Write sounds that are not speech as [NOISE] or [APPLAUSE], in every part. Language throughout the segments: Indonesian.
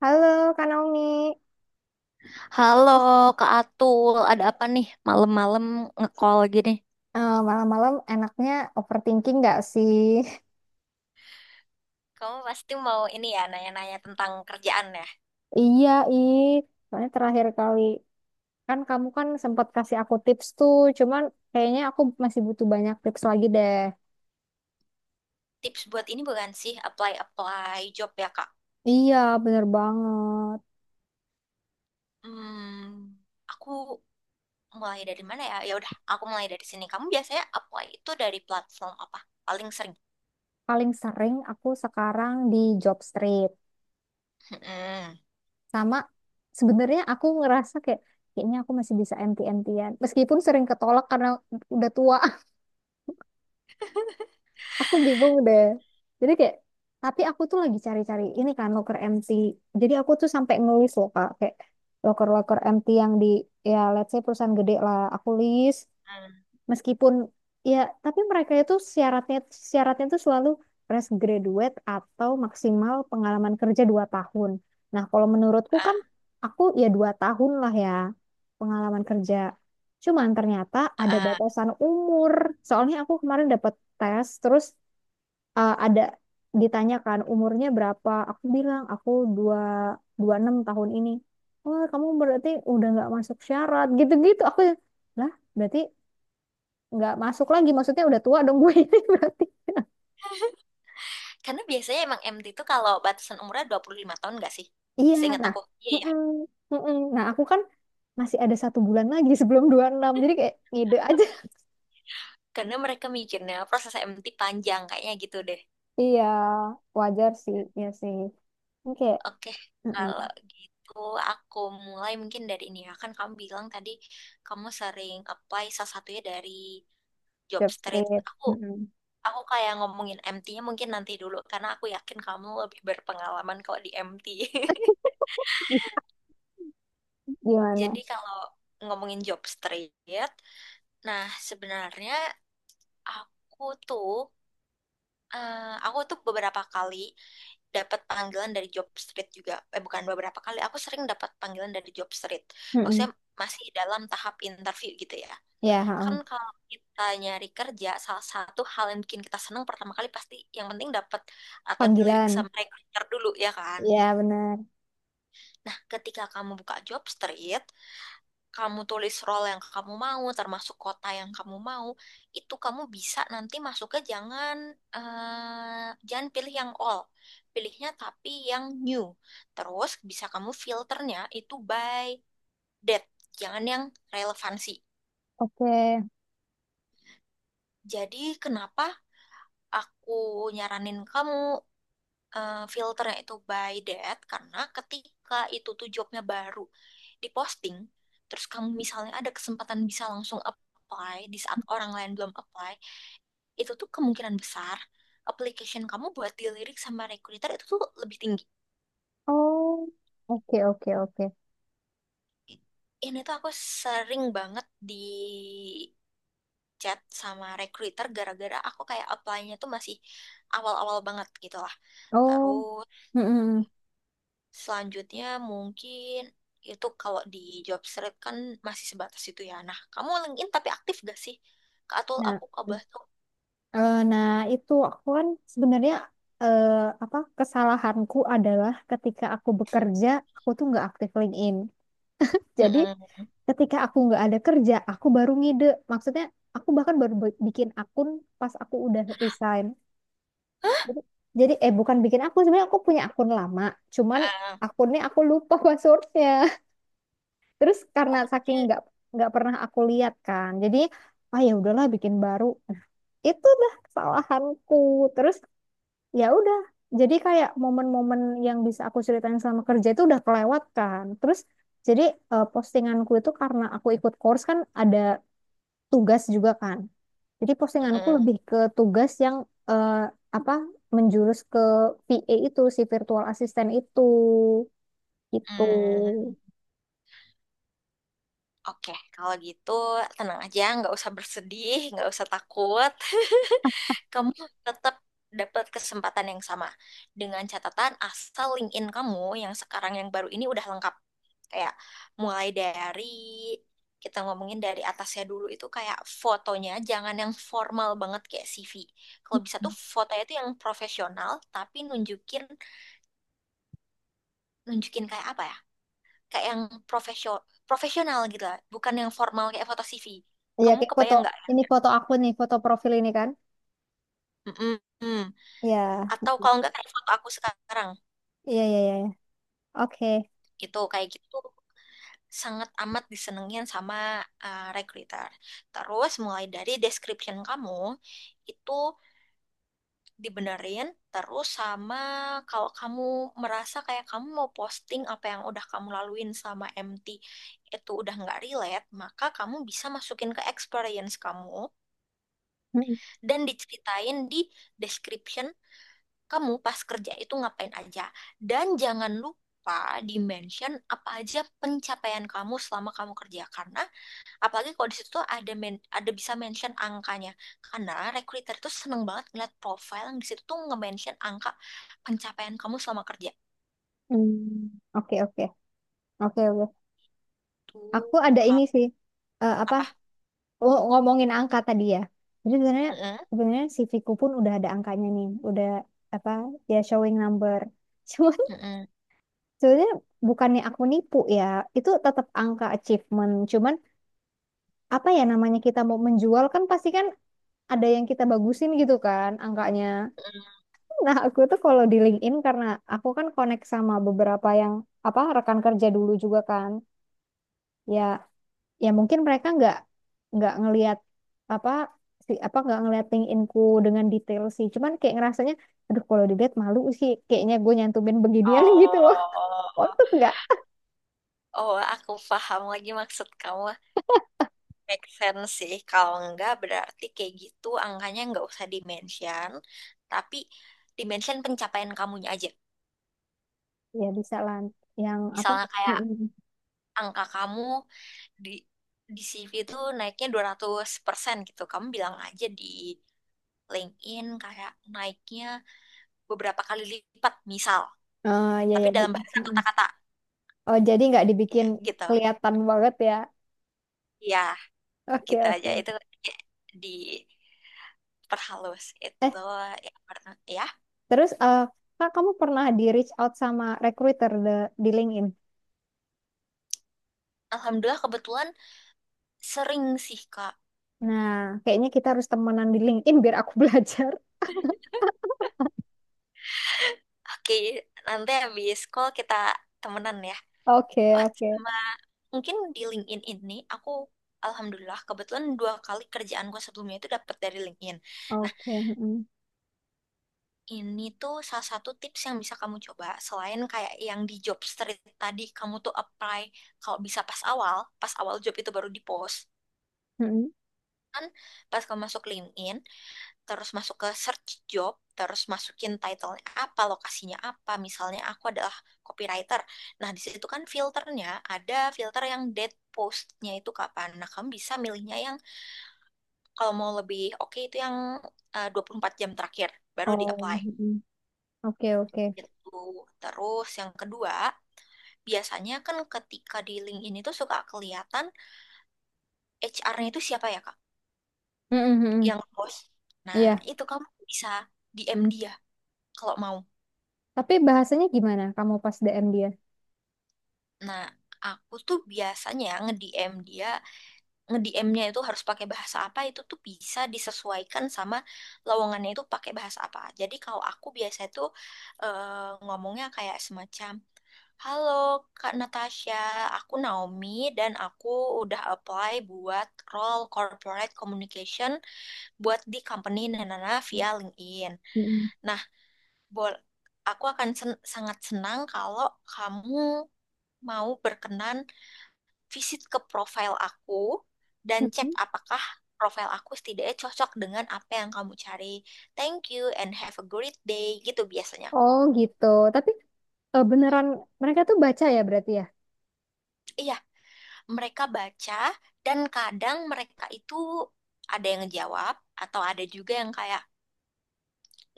Halo, Kak Naomi. Halo Kak Atul, ada apa nih malam-malam nge-call gini? Malam-malam enaknya overthinking nggak sih? Kamu pasti mau ini ya, nanya-nanya tentang kerjaan ya. [LAUGHS] Iya, ih. Soalnya terakhir kali kan, kamu kan sempat kasih aku tips tuh, cuman kayaknya aku masih butuh banyak tips lagi deh. Tips buat ini bukan sih, apply-apply job ya, Kak? Iya, bener banget. Hmm, aku mulai dari mana ya? Ya udah, aku mulai dari sini. Kamu biasanya apply itu dari platform apa? Paling sering. Paling sering aku sekarang di job street. Hmm. Sama, sebenarnya aku ngerasa kayak kayaknya aku masih bisa enti entian. Meskipun sering ketolak karena udah tua. Aku bingung deh, jadi kayak, tapi aku tuh lagi cari-cari ini kan locker empty, jadi aku tuh sampai ngelis loh kak, kayak locker-locker empty yang di, ya let's say, perusahaan gede lah aku list. Hmm. Meskipun, ya, tapi mereka itu syaratnya syaratnya tuh selalu fresh graduate atau maksimal pengalaman kerja 2 tahun. Nah, kalau menurutku kan, Ah, aku ya 2 tahun lah ya pengalaman kerja, cuman ternyata ah, ada ah. batasan umur. Soalnya aku kemarin dapat tes, terus ada ditanyakan umurnya berapa. Aku bilang aku dua dua enam tahun ini. Wah, kamu berarti udah nggak masuk syarat gitu-gitu, aku ya, lah berarti nggak masuk lagi, maksudnya udah tua dong gue ini [LAUGHS] berarti. Karena biasanya emang MT itu kalau batasan umurnya 25 tahun nggak sih? Iya. Seingat Nah. aku. Iya ya. Mm-mm, mm-mm. Nah, aku kan masih ada 1 bulan lagi [LAUGHS] sebelum 26, jadi kayak ngide aja. Karena mereka mikirnya proses MT panjang kayaknya gitu deh. [LAUGHS] Iya, wajar sih ya sih. Ini kayak, Oke, mm-mm, kalau gitu aku mulai mungkin dari ini ya. Kan kamu bilang tadi kamu sering apply salah satunya dari job job street. street, Aku mm-mm. aku kayak ngomongin MT-nya mungkin nanti dulu karena aku yakin kamu lebih berpengalaman kalau di MT. [LAUGHS] [LAUGHS] Gimana? Jadi kalau ngomongin job street, nah sebenarnya aku tuh eh, aku tuh beberapa kali dapat panggilan dari job street juga. Eh, bukan beberapa kali, aku sering dapat panggilan dari job street. Mm-mm. Maksudnya masih dalam tahap interview gitu ya. Ya Kan ha-ha. kalau kita nyari kerja, salah satu hal yang bikin kita senang pertama kali pasti yang penting dapat atau dilirik Panggilan, sama recruiter dulu ya kan. ya benar. Nah, ketika kamu buka job street, kamu tulis role yang kamu mau, termasuk kota yang kamu mau, itu kamu bisa nanti masuknya jangan jangan pilih yang all, pilihnya tapi yang new. Terus bisa kamu filternya itu by date, jangan yang relevansi. Oke. Jadi kenapa aku nyaranin kamu filternya itu by date? Karena ketika itu tuh jobnya baru diposting, terus kamu misalnya ada kesempatan bisa langsung apply di saat orang lain belum apply, itu tuh kemungkinan besar application kamu buat dilirik sama recruiter itu tuh lebih tinggi. Oh, oke, oke, oke. Ini tuh aku sering banget di chat sama recruiter gara-gara aku kayak apply-nya tuh masih awal-awal banget gitu lah. Oh, Terus mm-mm. selanjutnya mungkin itu kalau di job street kan masih sebatas itu ya. Nah, kamu LinkedIn tapi aktif gak sih? Kak Atul Nah, aku kabar tuh. nah, itu aku kan sebenarnya, eh, apa, kesalahanku adalah ketika aku bekerja, aku tuh nggak aktif LinkedIn. Jadi Mm-mm. ketika aku nggak ada kerja, aku baru ngide. Maksudnya aku bahkan baru bikin akun pas aku udah resign. Jadi, jadi, bukan bikin akun, sebenarnya aku punya akun lama, cuman Ah, akunnya aku lupa [LAUGHS] passwordnya. Terus karena oh, saking dia. nggak pernah aku lihat kan, jadi ah ya udahlah bikin baru. Nah, itulah kesalahanku. Terus ya udah, jadi kayak momen-momen yang bisa aku ceritain selama kerja itu udah kelewat kan. Terus jadi postinganku itu karena aku ikut course kan ada tugas juga kan. Jadi postinganku Mm-mm. lebih ke tugas yang eh, apa, menjurus ke VA itu si virtual assistant itu gitu. Mm. Oke, kalau gitu tenang aja, nggak usah bersedih, nggak usah takut. [LAUGHS] Kamu tetap dapat kesempatan yang sama. Dengan catatan asal LinkedIn kamu yang sekarang yang baru ini udah lengkap. Kayak mulai dari, kita ngomongin dari atasnya dulu itu kayak fotonya, jangan yang formal banget kayak CV. Kalau bisa tuh fotonya tuh yang profesional, tapi nunjukin, nunjukin kayak apa ya? Kayak yang profesional profesional gitu lah, bukan yang formal kayak foto CV. Iya, Kamu kayak foto kebayang nggak? ini, foto aku nih, foto profil ini kan. Mm-mm. Iya, Atau kalau nggak kayak foto aku sekarang iya, iya, iya, iya. Oke. gitu, kayak gitu sangat amat disenengin sama recruiter. Terus mulai dari description kamu itu dibenerin, terus sama kalau kamu merasa kayak kamu mau posting apa yang udah kamu laluin sama MT itu udah nggak relate, maka kamu bisa masukin ke experience kamu Mm, dan diceritain di description kamu pas kerja itu ngapain aja. Dan jangan lupa di mention apa aja pencapaian kamu selama kamu kerja karena apalagi kalau di situ ada bisa mention angkanya. Karena recruiter itu seneng banget ngeliat profile yang di situ tuh nge-mention angka pencapaian kamu selama kerja. mm. Oke, oke. Oke, oke. Aku Tuh ada ini kap- sih. Eh, apa? apa? Ngomongin angka tadi ya. Jadi sebenarnya Mm-mm, sebenarnya CV-ku pun udah ada angkanya nih. Udah apa? Ya, showing number. [LAUGHS] Cuman mm-mm, sebenarnya bukannya aku nipu ya. Itu tetap angka achievement. Cuman apa ya namanya, kita mau menjual kan, pasti kan ada yang kita bagusin gitu kan angkanya. mm-mm. Nah, aku tuh kalau di LinkedIn, karena aku kan connect sama beberapa yang apa, rekan kerja dulu juga kan. Ya, ya, mungkin mereka nggak ngelihat apa, si apa, nggak ngeliat LinkedInku dengan detail sih. Cuman kayak ngerasanya, aduh kalau dilihat malu sih. Kayaknya gue nyantumin beginian [LAUGHS] Oh, gitu loh. oh, Untuk nggak? oh, aku paham lagi maksud kamu. Make sense sih, kalau enggak berarti kayak gitu angkanya enggak usah dimention, tapi dimension pencapaian kamunya aja. Ya bisa lah. Yang apa? Misalnya [LAUGHS] kayak Mm-mm. angka kamu di di CV itu naiknya 200% gitu. Kamu bilang aja di LinkedIn kayak naiknya beberapa kali lipat misal, Oh ya tapi ya. dalam [LAUGHS] bahasa Mm-mm. kata-kata Oh, jadi nggak ya dibikin gitu. kelihatan banget ya. Ya, Oke, gitu aja oke. itu di perhalus eh itu ya pernah ya Terus, Kak, kamu pernah di reach out sama recruiter di LinkedIn? alhamdulillah kebetulan sering sih, Kak. Nah, kayaknya kita harus temenan di LinkedIn biar aku [LAUGHS] belajar. Oke, nanti habis call kita temenan ya. Oke, Oh, oke, sama mungkin di LinkedIn ini aku alhamdulillah kebetulan 2 kali kerjaanku sebelumnya itu dapat dari LinkedIn. Nah, oke. Mm-mm, ini tuh salah satu tips yang bisa kamu coba selain kayak yang di job street tadi kamu tuh apply kalau bisa pas awal job itu baru di post. mm-mm. Kan pas kamu masuk LinkedIn terus masuk ke search job, terus masukin title-nya apa, lokasinya apa. Misalnya aku adalah copywriter. Nah, di situ kan filternya ada filter yang date post-nya itu kapan. Nah, kamu bisa milihnya yang kalau mau lebih oke okay, itu yang 24 jam terakhir baru Oh, di-apply. mm-mm. Oke, oke. Gitu. Terus yang kedua, biasanya kan ketika di LinkedIn itu suka kelihatan HR-nya itu siapa ya, Kak? Mm-mm, mm-mm. Yang bos. Nah, Iya. itu kamu bisa DM dia kalau mau. Tapi bahasanya gimana? Kamu pas DM dia? Nah, aku tuh biasanya nge-DM dia, nge-DM-nya itu harus pakai bahasa apa itu tuh bisa disesuaikan sama lowongannya itu pakai bahasa apa. Jadi kalau aku biasa itu ngomongnya kayak semacam, Halo Kak Natasha, aku Naomi dan aku udah apply buat role corporate communication buat di company Nanana via LinkedIn. Mm-mm. Nah, bol aku akan sangat senang kalau kamu mau berkenan visit ke profil aku dan cek Mm-mm. apakah profil aku setidaknya cocok dengan apa yang kamu cari. Thank you and have a great day. Gitu biasanya aku Oh, ngomong. gitu. Tapi beneran mereka tuh baca ya berarti ya? Iya, mereka baca dan kadang mereka itu ada yang ngejawab atau ada juga yang kayak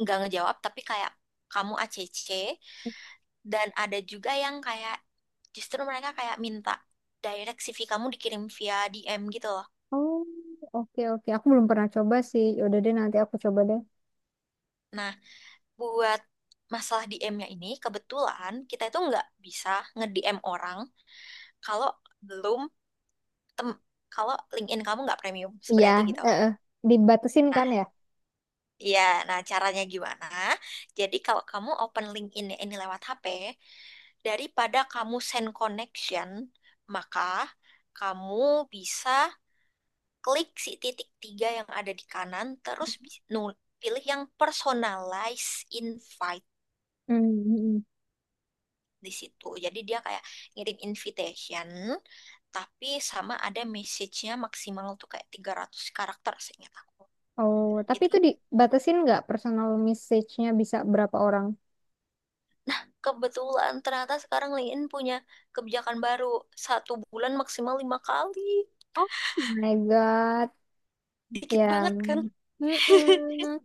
nggak ngejawab tapi kayak kamu ACC dan ada juga yang kayak justru mereka kayak minta direct CV kamu dikirim via DM gitu loh. Oh, oke, oke. Aku belum pernah coba sih. Ya udah deh, nanti aku coba deh. Nah, buat masalah DM-nya ini, kebetulan kita itu nggak bisa nge-DM orang kalau belum tem kalau LinkedIn kamu nggak premium Iya. sebenarnya itu gitu. eh, eh. Dibatasin kan ya? Nah, iya, nah caranya gimana? Jadi kalau kamu open LinkedIn ya, ini lewat HP, daripada kamu send connection, maka kamu bisa klik si titik tiga yang ada di kanan, terus pilih yang personalized invite. Hmm. Di situ. Jadi dia kayak ngirim invitation, tapi sama ada message-nya maksimal tuh kayak 300 karakter seingat aku. Oh, tapi Itu itu dibatasin nggak, personal message-nya bisa berapa orang? kebetulan ternyata sekarang LinkedIn punya kebijakan baru. Satu bulan maksimal 5 kali. Oh my God. Dikit Ya, banget kan? mm-mm.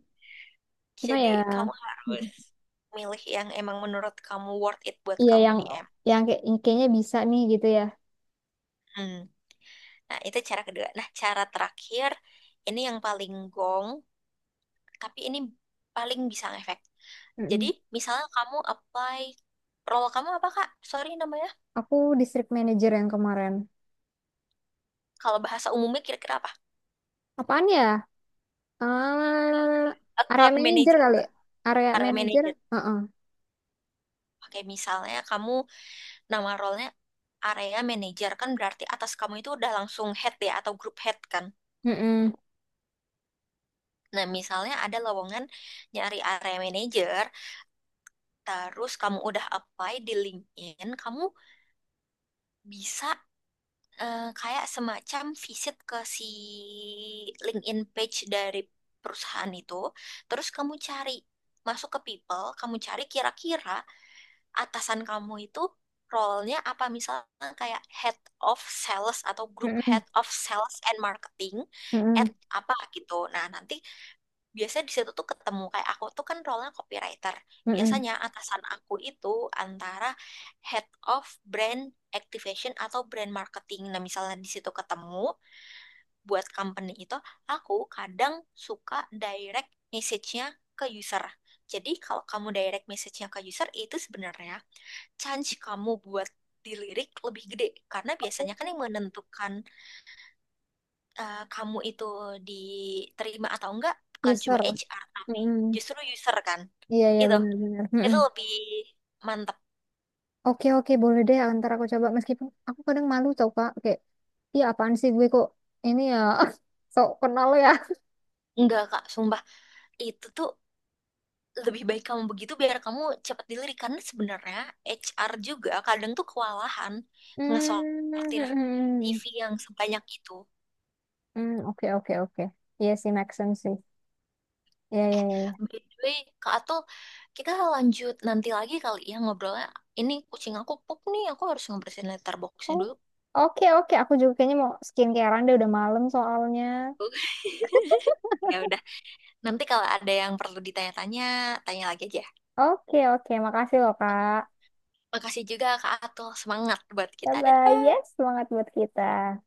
Cuma Jadi ya, kamu harus mm-mm. milih yang emang menurut kamu worth it buat Iya, kamu yang DM. yang kayak yang kayaknya bisa nih gitu ya. Hmm. Nah, itu cara kedua. Nah, cara terakhir, ini yang paling gong, tapi ini paling bisa ngefek. Jadi Mm-mm. misalnya kamu apply role kamu apa Kak? Sorry namanya. Aku district manager yang kemarin. Kalau bahasa umumnya kira-kira apa? Apaan ya? Eh, Area Account manager manager kali. Kak. Area Area manager. manager. Heeh. Oke, misalnya kamu nama role-nya area manager kan berarti atas kamu itu udah langsung head ya atau group head kan. Mm-mm. Nah, misalnya ada lowongan nyari area manager, terus kamu udah apply di LinkedIn, kamu bisa kayak semacam visit ke si LinkedIn page dari perusahaan itu, terus kamu cari masuk ke people, kamu cari kira-kira atasan kamu itu role-nya apa misalnya kayak head of sales atau group Mm-mm. head of sales and marketing at Mm-mm. apa gitu. Nah, nanti biasanya di situ tuh ketemu kayak aku tuh kan role nya copywriter. Mm-mm. Biasanya atasan aku itu antara head of brand activation atau brand marketing. Nah, misalnya di situ ketemu buat company itu, aku kadang suka direct message-nya ke user. Jadi kalau kamu direct message-nya ke user itu sebenarnya chance kamu buat dilirik lebih gede karena biasanya kan yang menentukan kamu itu diterima atau enggak bukan Yes, cuma sir. HR tapi Mm-mm. justru user kan Iya, iya, itu benar-benar. itu lebih mantap. Oke, oke, boleh deh, antar aku coba meskipun aku kadang malu tau kak, kayak iya apaan sih gue kok ini ya [LAUGHS] sok kenal ya. [LAUGHS] Enggak kak, sumpah, itu tuh lebih baik kamu begitu biar kamu cepat dilirik karena sebenarnya HR juga kadang tuh kewalahan Hmm, ngesortir hmm. TV yang sebanyak itu. Hmm, oke, oke, oke. Iya sih, make sense sih. Iya, iya, iya. By the way, Kak Atul, kita lanjut nanti lagi kali ya ngobrolnya. Ini kucing aku pup nih, aku harus ngebersihin litter boxnya Oh, dulu. oke, oke, aku juga kayaknya mau skincarean deh, udah malam soalnya. [LAUGHS] Ya udah. Nanti kalau ada yang perlu ditanya-tanya, tanya lagi aja. Oke, oke, makasih loh kak. Makasih juga Kak Atul. Semangat buat Bye kita. bye. Dadah. Yes, semangat buat kita.